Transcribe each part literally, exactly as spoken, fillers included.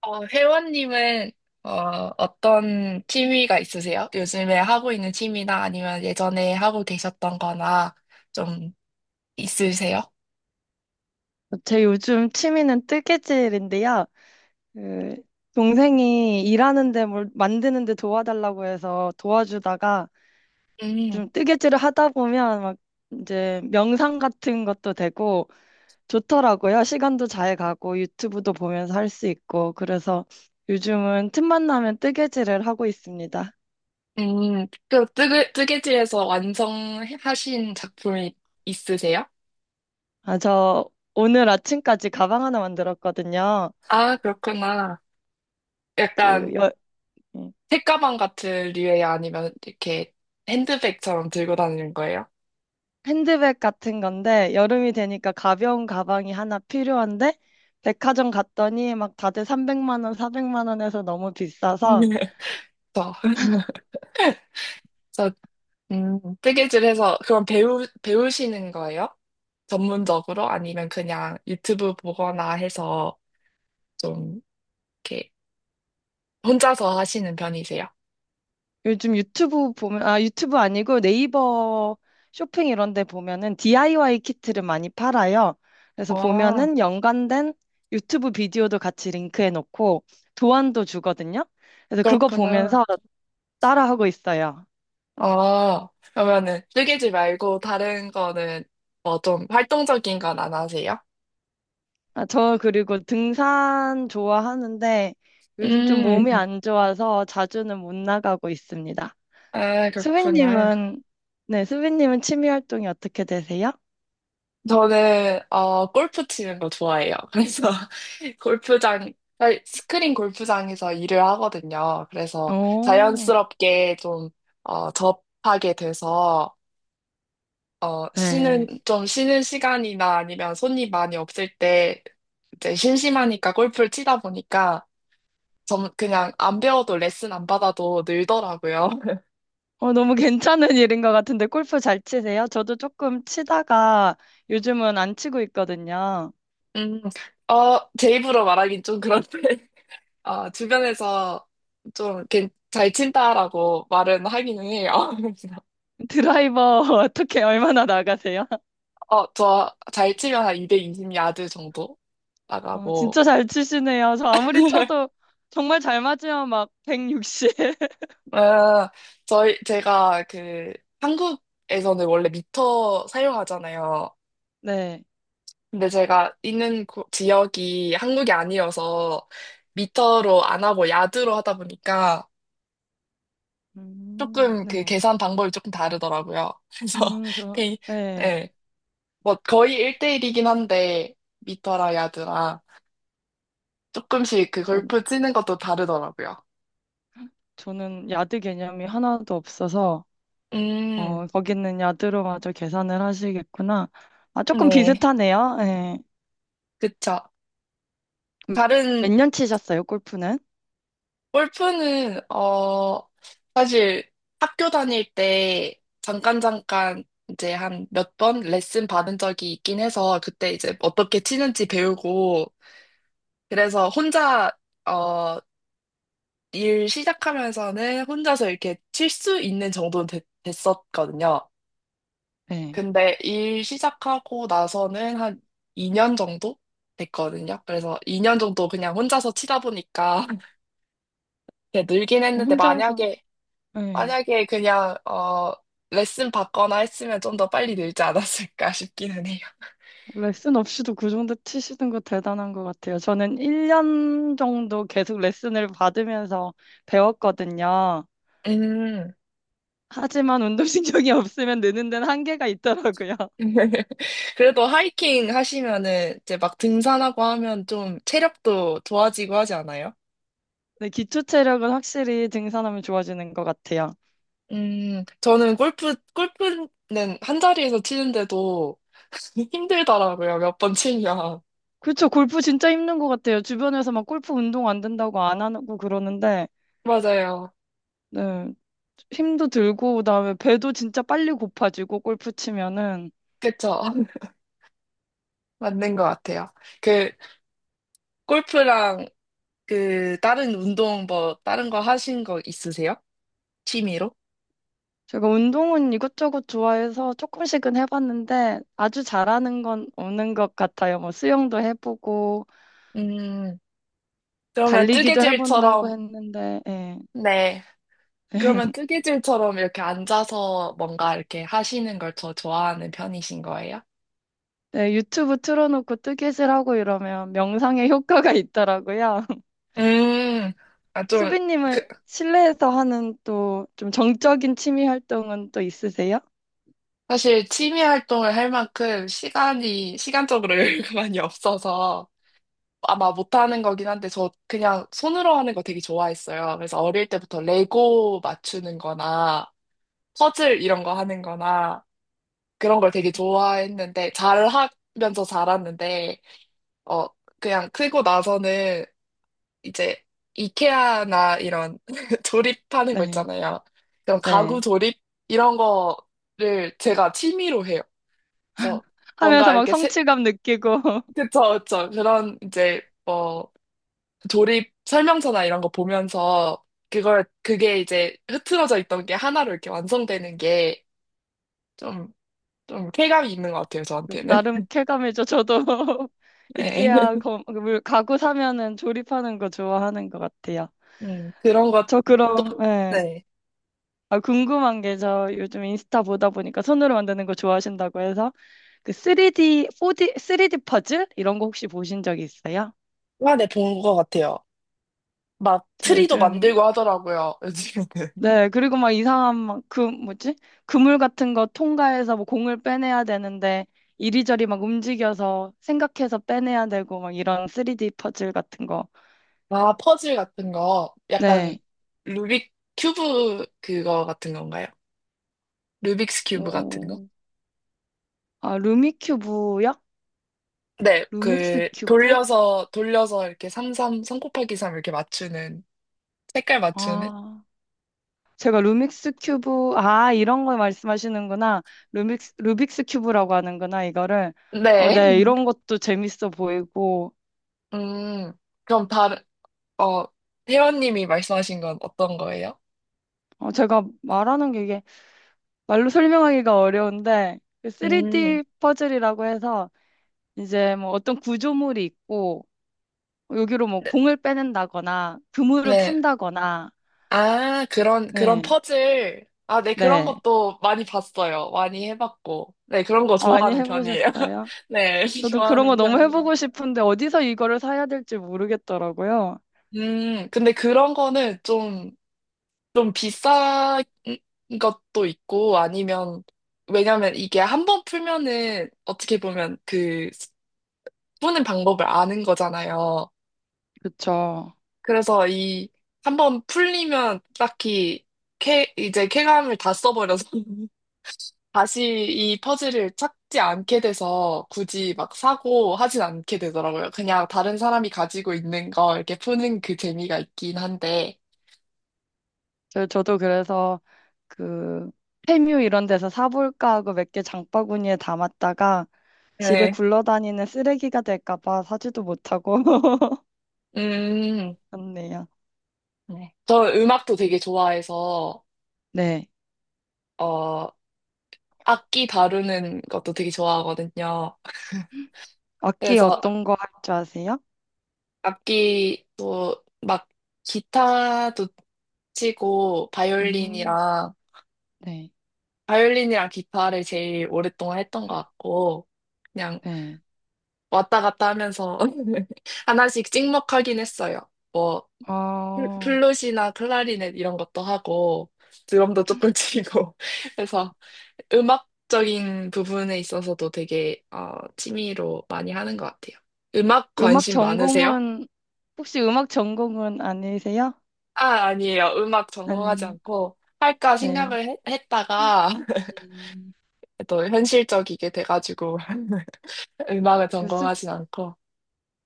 어, 회원님은 어, 어떤 취미가 있으세요? 요즘에 하고 있는 취미나 아니면 예전에 하고 계셨던 거나 좀 있으세요? 제 요즘 취미는 뜨개질인데요. 그 동생이 일하는데 뭘 만드는데 도와달라고 해서 도와주다가 음. 좀 뜨개질을 하다 보면 막 이제 명상 같은 것도 되고 좋더라고요. 시간도 잘 가고 유튜브도 보면서 할 수 있고 그래서 요즘은 틈만 나면 뜨개질을 하고 있습니다. 음, 그 뜨개, 뜨개질에서 완성하신 작품이 있으세요? 아, 저 오늘 아침까지 가방 하나 만들었거든요. 아, 그렇구나. 그 약간 여, 예. 책가방 같은 류예요? 아니면 이렇게 핸드백처럼 들고 다니는 거예요? 핸드백 같은 건데 여름이 되니까 가벼운 가방이 하나 필요한데 백화점 갔더니 막 다들 삼백만 원, 사백만 원에서 너무 비싸서 저. 저 음, 뜨개질 해서 그럼 배우, 배우시는 거예요? 전문적으로? 아니면 그냥 유튜브 보거나 해서 좀 이렇게 혼자서 하시는 편이세요? 요즘 유튜브 보면 아 유튜브 아니고 네이버 쇼핑 이런 데 보면은 디아이와이 키트를 많이 팔아요. 그래서 아, 보면은 연관된 유튜브 비디오도 같이 링크해 놓고 도안도 주거든요. 그래서 그거 그렇구나. 보면서 따라하고 있어요. 아, 그러면은 뜨개질 말고 다른 거는 뭐 좀 활동적인 건 안 하세요? 아, 저 그리고 등산 좋아하는데 요즘 좀 몸이 음. 안 좋아서 자주는 못 나가고 있습니다. 아, 그렇구나. 수빈님은, 네, 수빈님은 취미 활동이 어떻게 되세요? 저는 어 골프 치는 거 좋아해요. 그래서 골프장 사실 스크린 골프장에서 일을 하거든요. 그래서 오, 자연스럽게 좀 어, 접하게 돼서 어 네. 쉬는 좀 쉬는 시간이나 아니면 손님 많이 없을 때 이제 심심하니까 골프를 치다 보니까 좀 그냥 안 배워도 레슨 안 받아도 늘더라고요. 어, 너무 괜찮은 일인 것 같은데 골프 잘 치세요? 저도 조금 치다가 요즘은 안 치고 있거든요. 음, 어, 제 입으로 말하긴 좀 그런데 어, 주변에서 좀 이렇게 잘 친다라고 말은 하기는 해요. 그래서 드라이버 어떻게 얼마나 나가세요? 어, 저 잘 치면 한 이백이십 야드 정도 어, 나가고. 진짜 잘 치시네요. 저 아무리 쳐도 정말 잘 맞으면 막 백육십. 어, 저희, 제가 그 한국에서는 원래 미터 사용하잖아요. 네. 근데 제가 있는 고- 지역이 한국이 아니어서 미터로 안 하고 야드로 하다 보니까 음, 조금 그 네. 계산 방법이 조금 다르더라고요. 그래서, 음, 저, 네. 네, 뭐 거의 일 대일이긴 한데 미터라 야드라 조금씩 그 전, 골프 치는 것도 다르더라고요. 저는 야드 개념이 하나도 없어서, 음, 어, 거기는 야드로 마저 계산을 하시겠구나. 아, 조금 네. 비슷하네요. 네. 그쵸. 다른 몇 년 치셨어요, 골프는? 골프는 어 사실 학교 다닐 때 잠깐 잠깐 이제 한 몇 번 레슨 받은 적이 있긴 해서 그때 이제 어떻게 치는지 배우고 그래서 혼자 어 일 시작하면서는 혼자서 이렇게 칠 수 있는 정도는 됐- 됐었거든요. 네. 근데 일 시작하고 나서는 한 이 년 정도 됐거든요. 그래서 이 년 정도 그냥 혼자서 치다 보니까 이제 늘긴 했는데 혼자서, 만약에 네. 만약에 그냥 어 레슨 받거나 했으면 좀 더 빨리 늘지 않았을까 싶기는 해요. 레슨 없이도 그 정도 치시는 거 대단한 것 같아요. 저는 일 년 정도 계속 레슨을 받으면서 배웠거든요. 음. 하지만 운동신경이 없으면 느는 데는 한계가 있더라고요. 그래도 하이킹 하시면은 이제 막 등산하고 하면 좀 체력도 좋아지고 하지 않아요? 네, 기초 체력은 확실히 등산하면 좋아지는 것 같아요. 음, 저는 골프, 골프는 한 자리에서 치는데도 힘들더라고요, 몇 번 치면. 그쵸. 골프 진짜 힘든 것 같아요. 주변에서 막 골프 운동 안 된다고 안 하고 그러는데, 맞아요. 네. 힘도 들고, 그다음에 배도 진짜 빨리 고파지고, 골프 치면은. 그쵸. 맞는 것 같아요. 그, 골프랑 그, 다른 운동 뭐, 다른 거 하신 거 있으세요? 취미로? 제가 운동은 이것저것 좋아해서 조금씩은 해봤는데, 아주 잘하는 건 없는 것 같아요. 뭐, 수영도 해보고, 음, 그러면 달리기도 해본다고 뜨개질처럼, 했는데, 예. 네. 그러면 뜨개질처럼 이렇게 앉아서 뭔가 이렇게 하시는 걸 더 좋아하는 편이신 거예요? 네, 유튜브 틀어놓고 뜨개질하고 이러면 명상에 효과가 있더라고요. 음, 아, 좀, 그, 수빈님은 실내에서 하는 또 좀 정적인 취미 활동은 또 있으세요? 사실 취미 활동을 할 만큼 시간이, 시간적으로 여유가 많이 없어서 아마 못하는 거긴 한데 저 그냥 손으로 하는 거 되게 좋아했어요. 그래서 어릴 때부터 레고 맞추는 거나 퍼즐 이런 거 하는 거나 그런 걸 되게 좋아했는데 잘 하면서 자랐는데 어 그냥 크고 나서는 이제 이케아나 이런 조립하는 거 네, 있잖아요. 그런 가구 네. 조립 이런 거를 제가 취미로 해요. 그래서 하면서 뭔가 막 이렇게 세, 성취감 느끼고 그쵸, 그쵸. 그런 이제 뭐 조립 설명서나 이런 거 보면서 그걸 그게 이제 흐트러져 있던 게 하나로 이렇게 완성되는 게 좀 좀 쾌감이 있는 것 같아요 저한테는. 나름 쾌감이죠. 저도 네. 이케아 거, 물- 가구 사면은 조립하는 거 좋아하는 것 같아요. 음, 그런 것도. 저 그럼 예. 네. 아, 궁금한 게 저 요즘 인스타 보다 보니까 손으로 만드는 거 좋아하신다고 해서 그 쓰리디, 포디, 쓰리디 퍼즐 이런 거 혹시 보신 적 있어요? 많이 본것 같아요. 막 저 트리도 요즘 만들고 하더라고요 요즘에는. 네, 그리고 막 이상한 막 그 뭐지? 그물 같은 거 통과해서 뭐 공을 빼내야 되는데 이리저리 막 움직여서 생각해서 빼내야 되고 막 이런 쓰리디 퍼즐 같은 거. 아 퍼즐 같은 거 약간 네. 루빅 큐브 그거 같은 건가요? 루빅스 큐브 같은 거? 오. 아, 루미큐브요? 네, 루믹스 그 큐브? 돌려서 돌려서 이렇게 삼삼 삼 곱하기 삼 이렇게 맞추는 색깔 맞추는. 아. 제가 루믹스 큐브 아, 이런 걸 말씀하시는구나. 루믹스 루빅스 큐브라고 하는구나, 이거를. 어, 네. 네. 이런 것도 재밌어 보이고. 음, 그럼 다른, 어, 회원님이 말씀하신 건 어떤 거예요? 어, 제가 말하는 게 이게 말로 설명하기가 어려운데 그 음, 쓰리디 퍼즐이라고 해서 이제 뭐 어떤 구조물이 있고 여기로 뭐 네, 공을 빼낸다거나 그물을 네. 푼다거나 아, 그런, 그런 네, 퍼즐. 아, 네, 그런 네. 것도 많이 봤어요. 많이 해봤고. 네, 그런 거 아, 많이 좋아하는 편이에요. 해보셨어요? 네, 저도 그런 거 좋아하는 너무 편이에요. 해보고 싶은데 어디서 이거를 사야 될지 모르겠더라고요. 음, 근데 그런 거는 좀, 좀 비싼 것도 있고, 아니면, 왜냐면 이게 한 번 풀면은 어떻게 보면 그, 푸는 방법을 아는 거잖아요. 그쵸. 그래서 이, 한번 풀리면 딱히 쾌, 이제 쾌감을 다 써버려서 다시 이 퍼즐을 찾지 않게 돼서 굳이 막 사고 하진 않게 되더라고요. 그냥 다른 사람이 가지고 있는 거 이렇게 푸는 그 재미가 있긴 한데. 저, 저도 그래서 그 페뮤 이런 데서 사볼까 하고 몇 개 장바구니에 담았다가 집에 네. 굴러다니는 쓰레기가 될까 봐 사지도 못하고 음. 그렇네요. 네. 저 음악도 되게 좋아해서, 네. 어, 악기 다루는 것도 되게 좋아하거든요. 악기 그래서 어떤 거 할 줄 아세요? 악기도 막 기타도 치고 음, 바이올린이랑 네, 바이올린이랑 기타를 제일 오랫동안 했던 것 같고 그냥 네. 왔다 갔다 하면서 하나씩 찍먹하긴 했어요. 뭐 플- 아, 플룻이나 클라리넷 이런 것도 하고 드럼도 조금 치고 그래서 음악적인 부분에 있어서도 되게 어, 취미로 많이 하는 것 같아요. 음악 음악 관심 많으세요? 전공은, 혹시 음악 전공은 아니세요? 아, 아니에요. 음악 전공하지 아니, 않고 할까 네. 생각을 해- 했다가 음, 또 현실적이게 돼가지고 음악을 그 수, 전공하진 않고.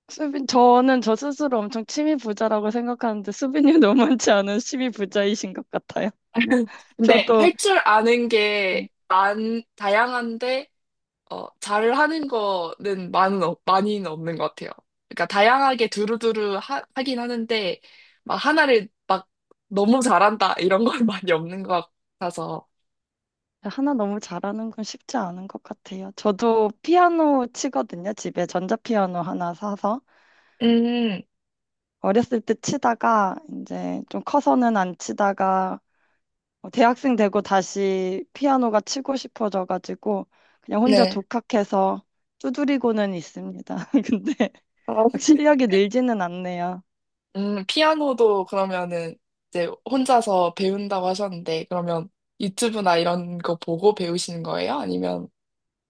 수빈, 저는 저 스스로 엄청 취미 부자라고 생각하는데 수빈님 너무 많지 않은 취미 부자이신 것 같아요. 근데 저도 할 줄 아는 네. 게 많, 다양한데 어, 잘 하는 거는 많은, 없- 많이는 없는 것 같아요. 그러니까 다양하게 두루두루 하, 하긴 하는데 막 하나를 막 너무 잘한다 이런 건 많이 없는 것 같아서. 하나 너무 잘하는 건 쉽지 않은 것 같아요. 저도 피아노 치거든요. 집에 전자피아노 하나 사서. 음, 어렸을 때 치다가 이제 좀 커서는 안 치다가 어, 대학생 되고 다시 피아노가 치고 싶어져가지고 그냥 혼자 네. 독학해서 두드리고는 있습니다. 근데 아, 막 실력이 늘지는 않네요. 음, 피아노도 그러면은 이제 혼자서 배운다고 하셨는데, 그러면 유튜브나 이런 거 보고 배우시는 거예요? 아니면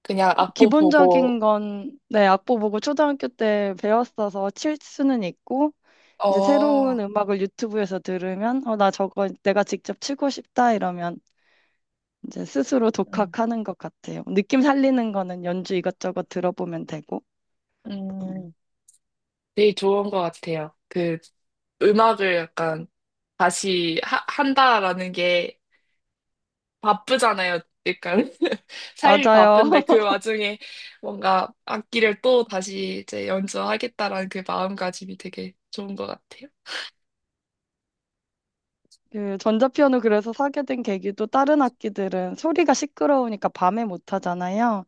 그냥 악보 기본적인 보고, 건 네, 악보 보고 초등학교 때 배웠어서 칠 수는 있고 이제 어, 새로운 음악을 유튜브에서 들으면 어, 나 저거 내가 직접 치고 싶다 이러면 이제 스스로 음, 독학하는 것 같아요. 느낌 살리는 거는 연주 이것저것 들어보면 되고. 음, 되게 좋은 것 같아요. 그 음악을 약간 다시 하, 한다라는 게 바쁘잖아요. 약간 삶이 맞아요. 바쁜데 그 와중에 뭔가 악기를 또 다시 이제 연주하겠다라는 그 마음가짐이 되게 좋은 것 같아요. 그 전자피아노 그래서 사게 된 계기도 다른 악기들은 소리가 시끄러우니까 밤에 못 하잖아요.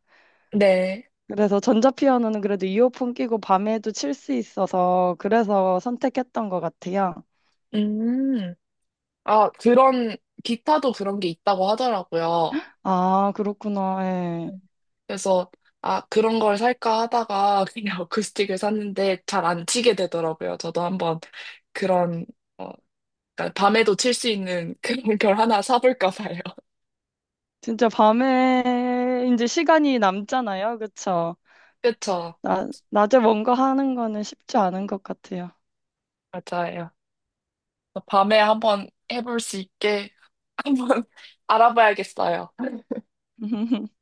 네. 그래서 전자피아노는 그래도 이어폰 끼고 밤에도 칠 수 있어서 그래서 선택했던 것 같아요. 음. 아, 그런, 기타도 그런 게 있다고 하더라고요. 아, 그렇구나. 예. 네. 그래서, 아, 그런 걸 살까 하다가 그냥 어쿠스틱을 샀는데 잘 안 치게 되더라고요. 저도 한번 그런, 어, 그러니까 밤에도 칠 수 있는 그런 걸 하나 사볼까 봐요. 진짜 밤에 이제 시간이 남잖아요. 그쵸? 그쵸. 나, 낮에 뭔가 하는 거는 쉽지 않은 것 같아요. 맞아요. 밤에 한번 해볼 수 있게 한번 알아봐야겠어요.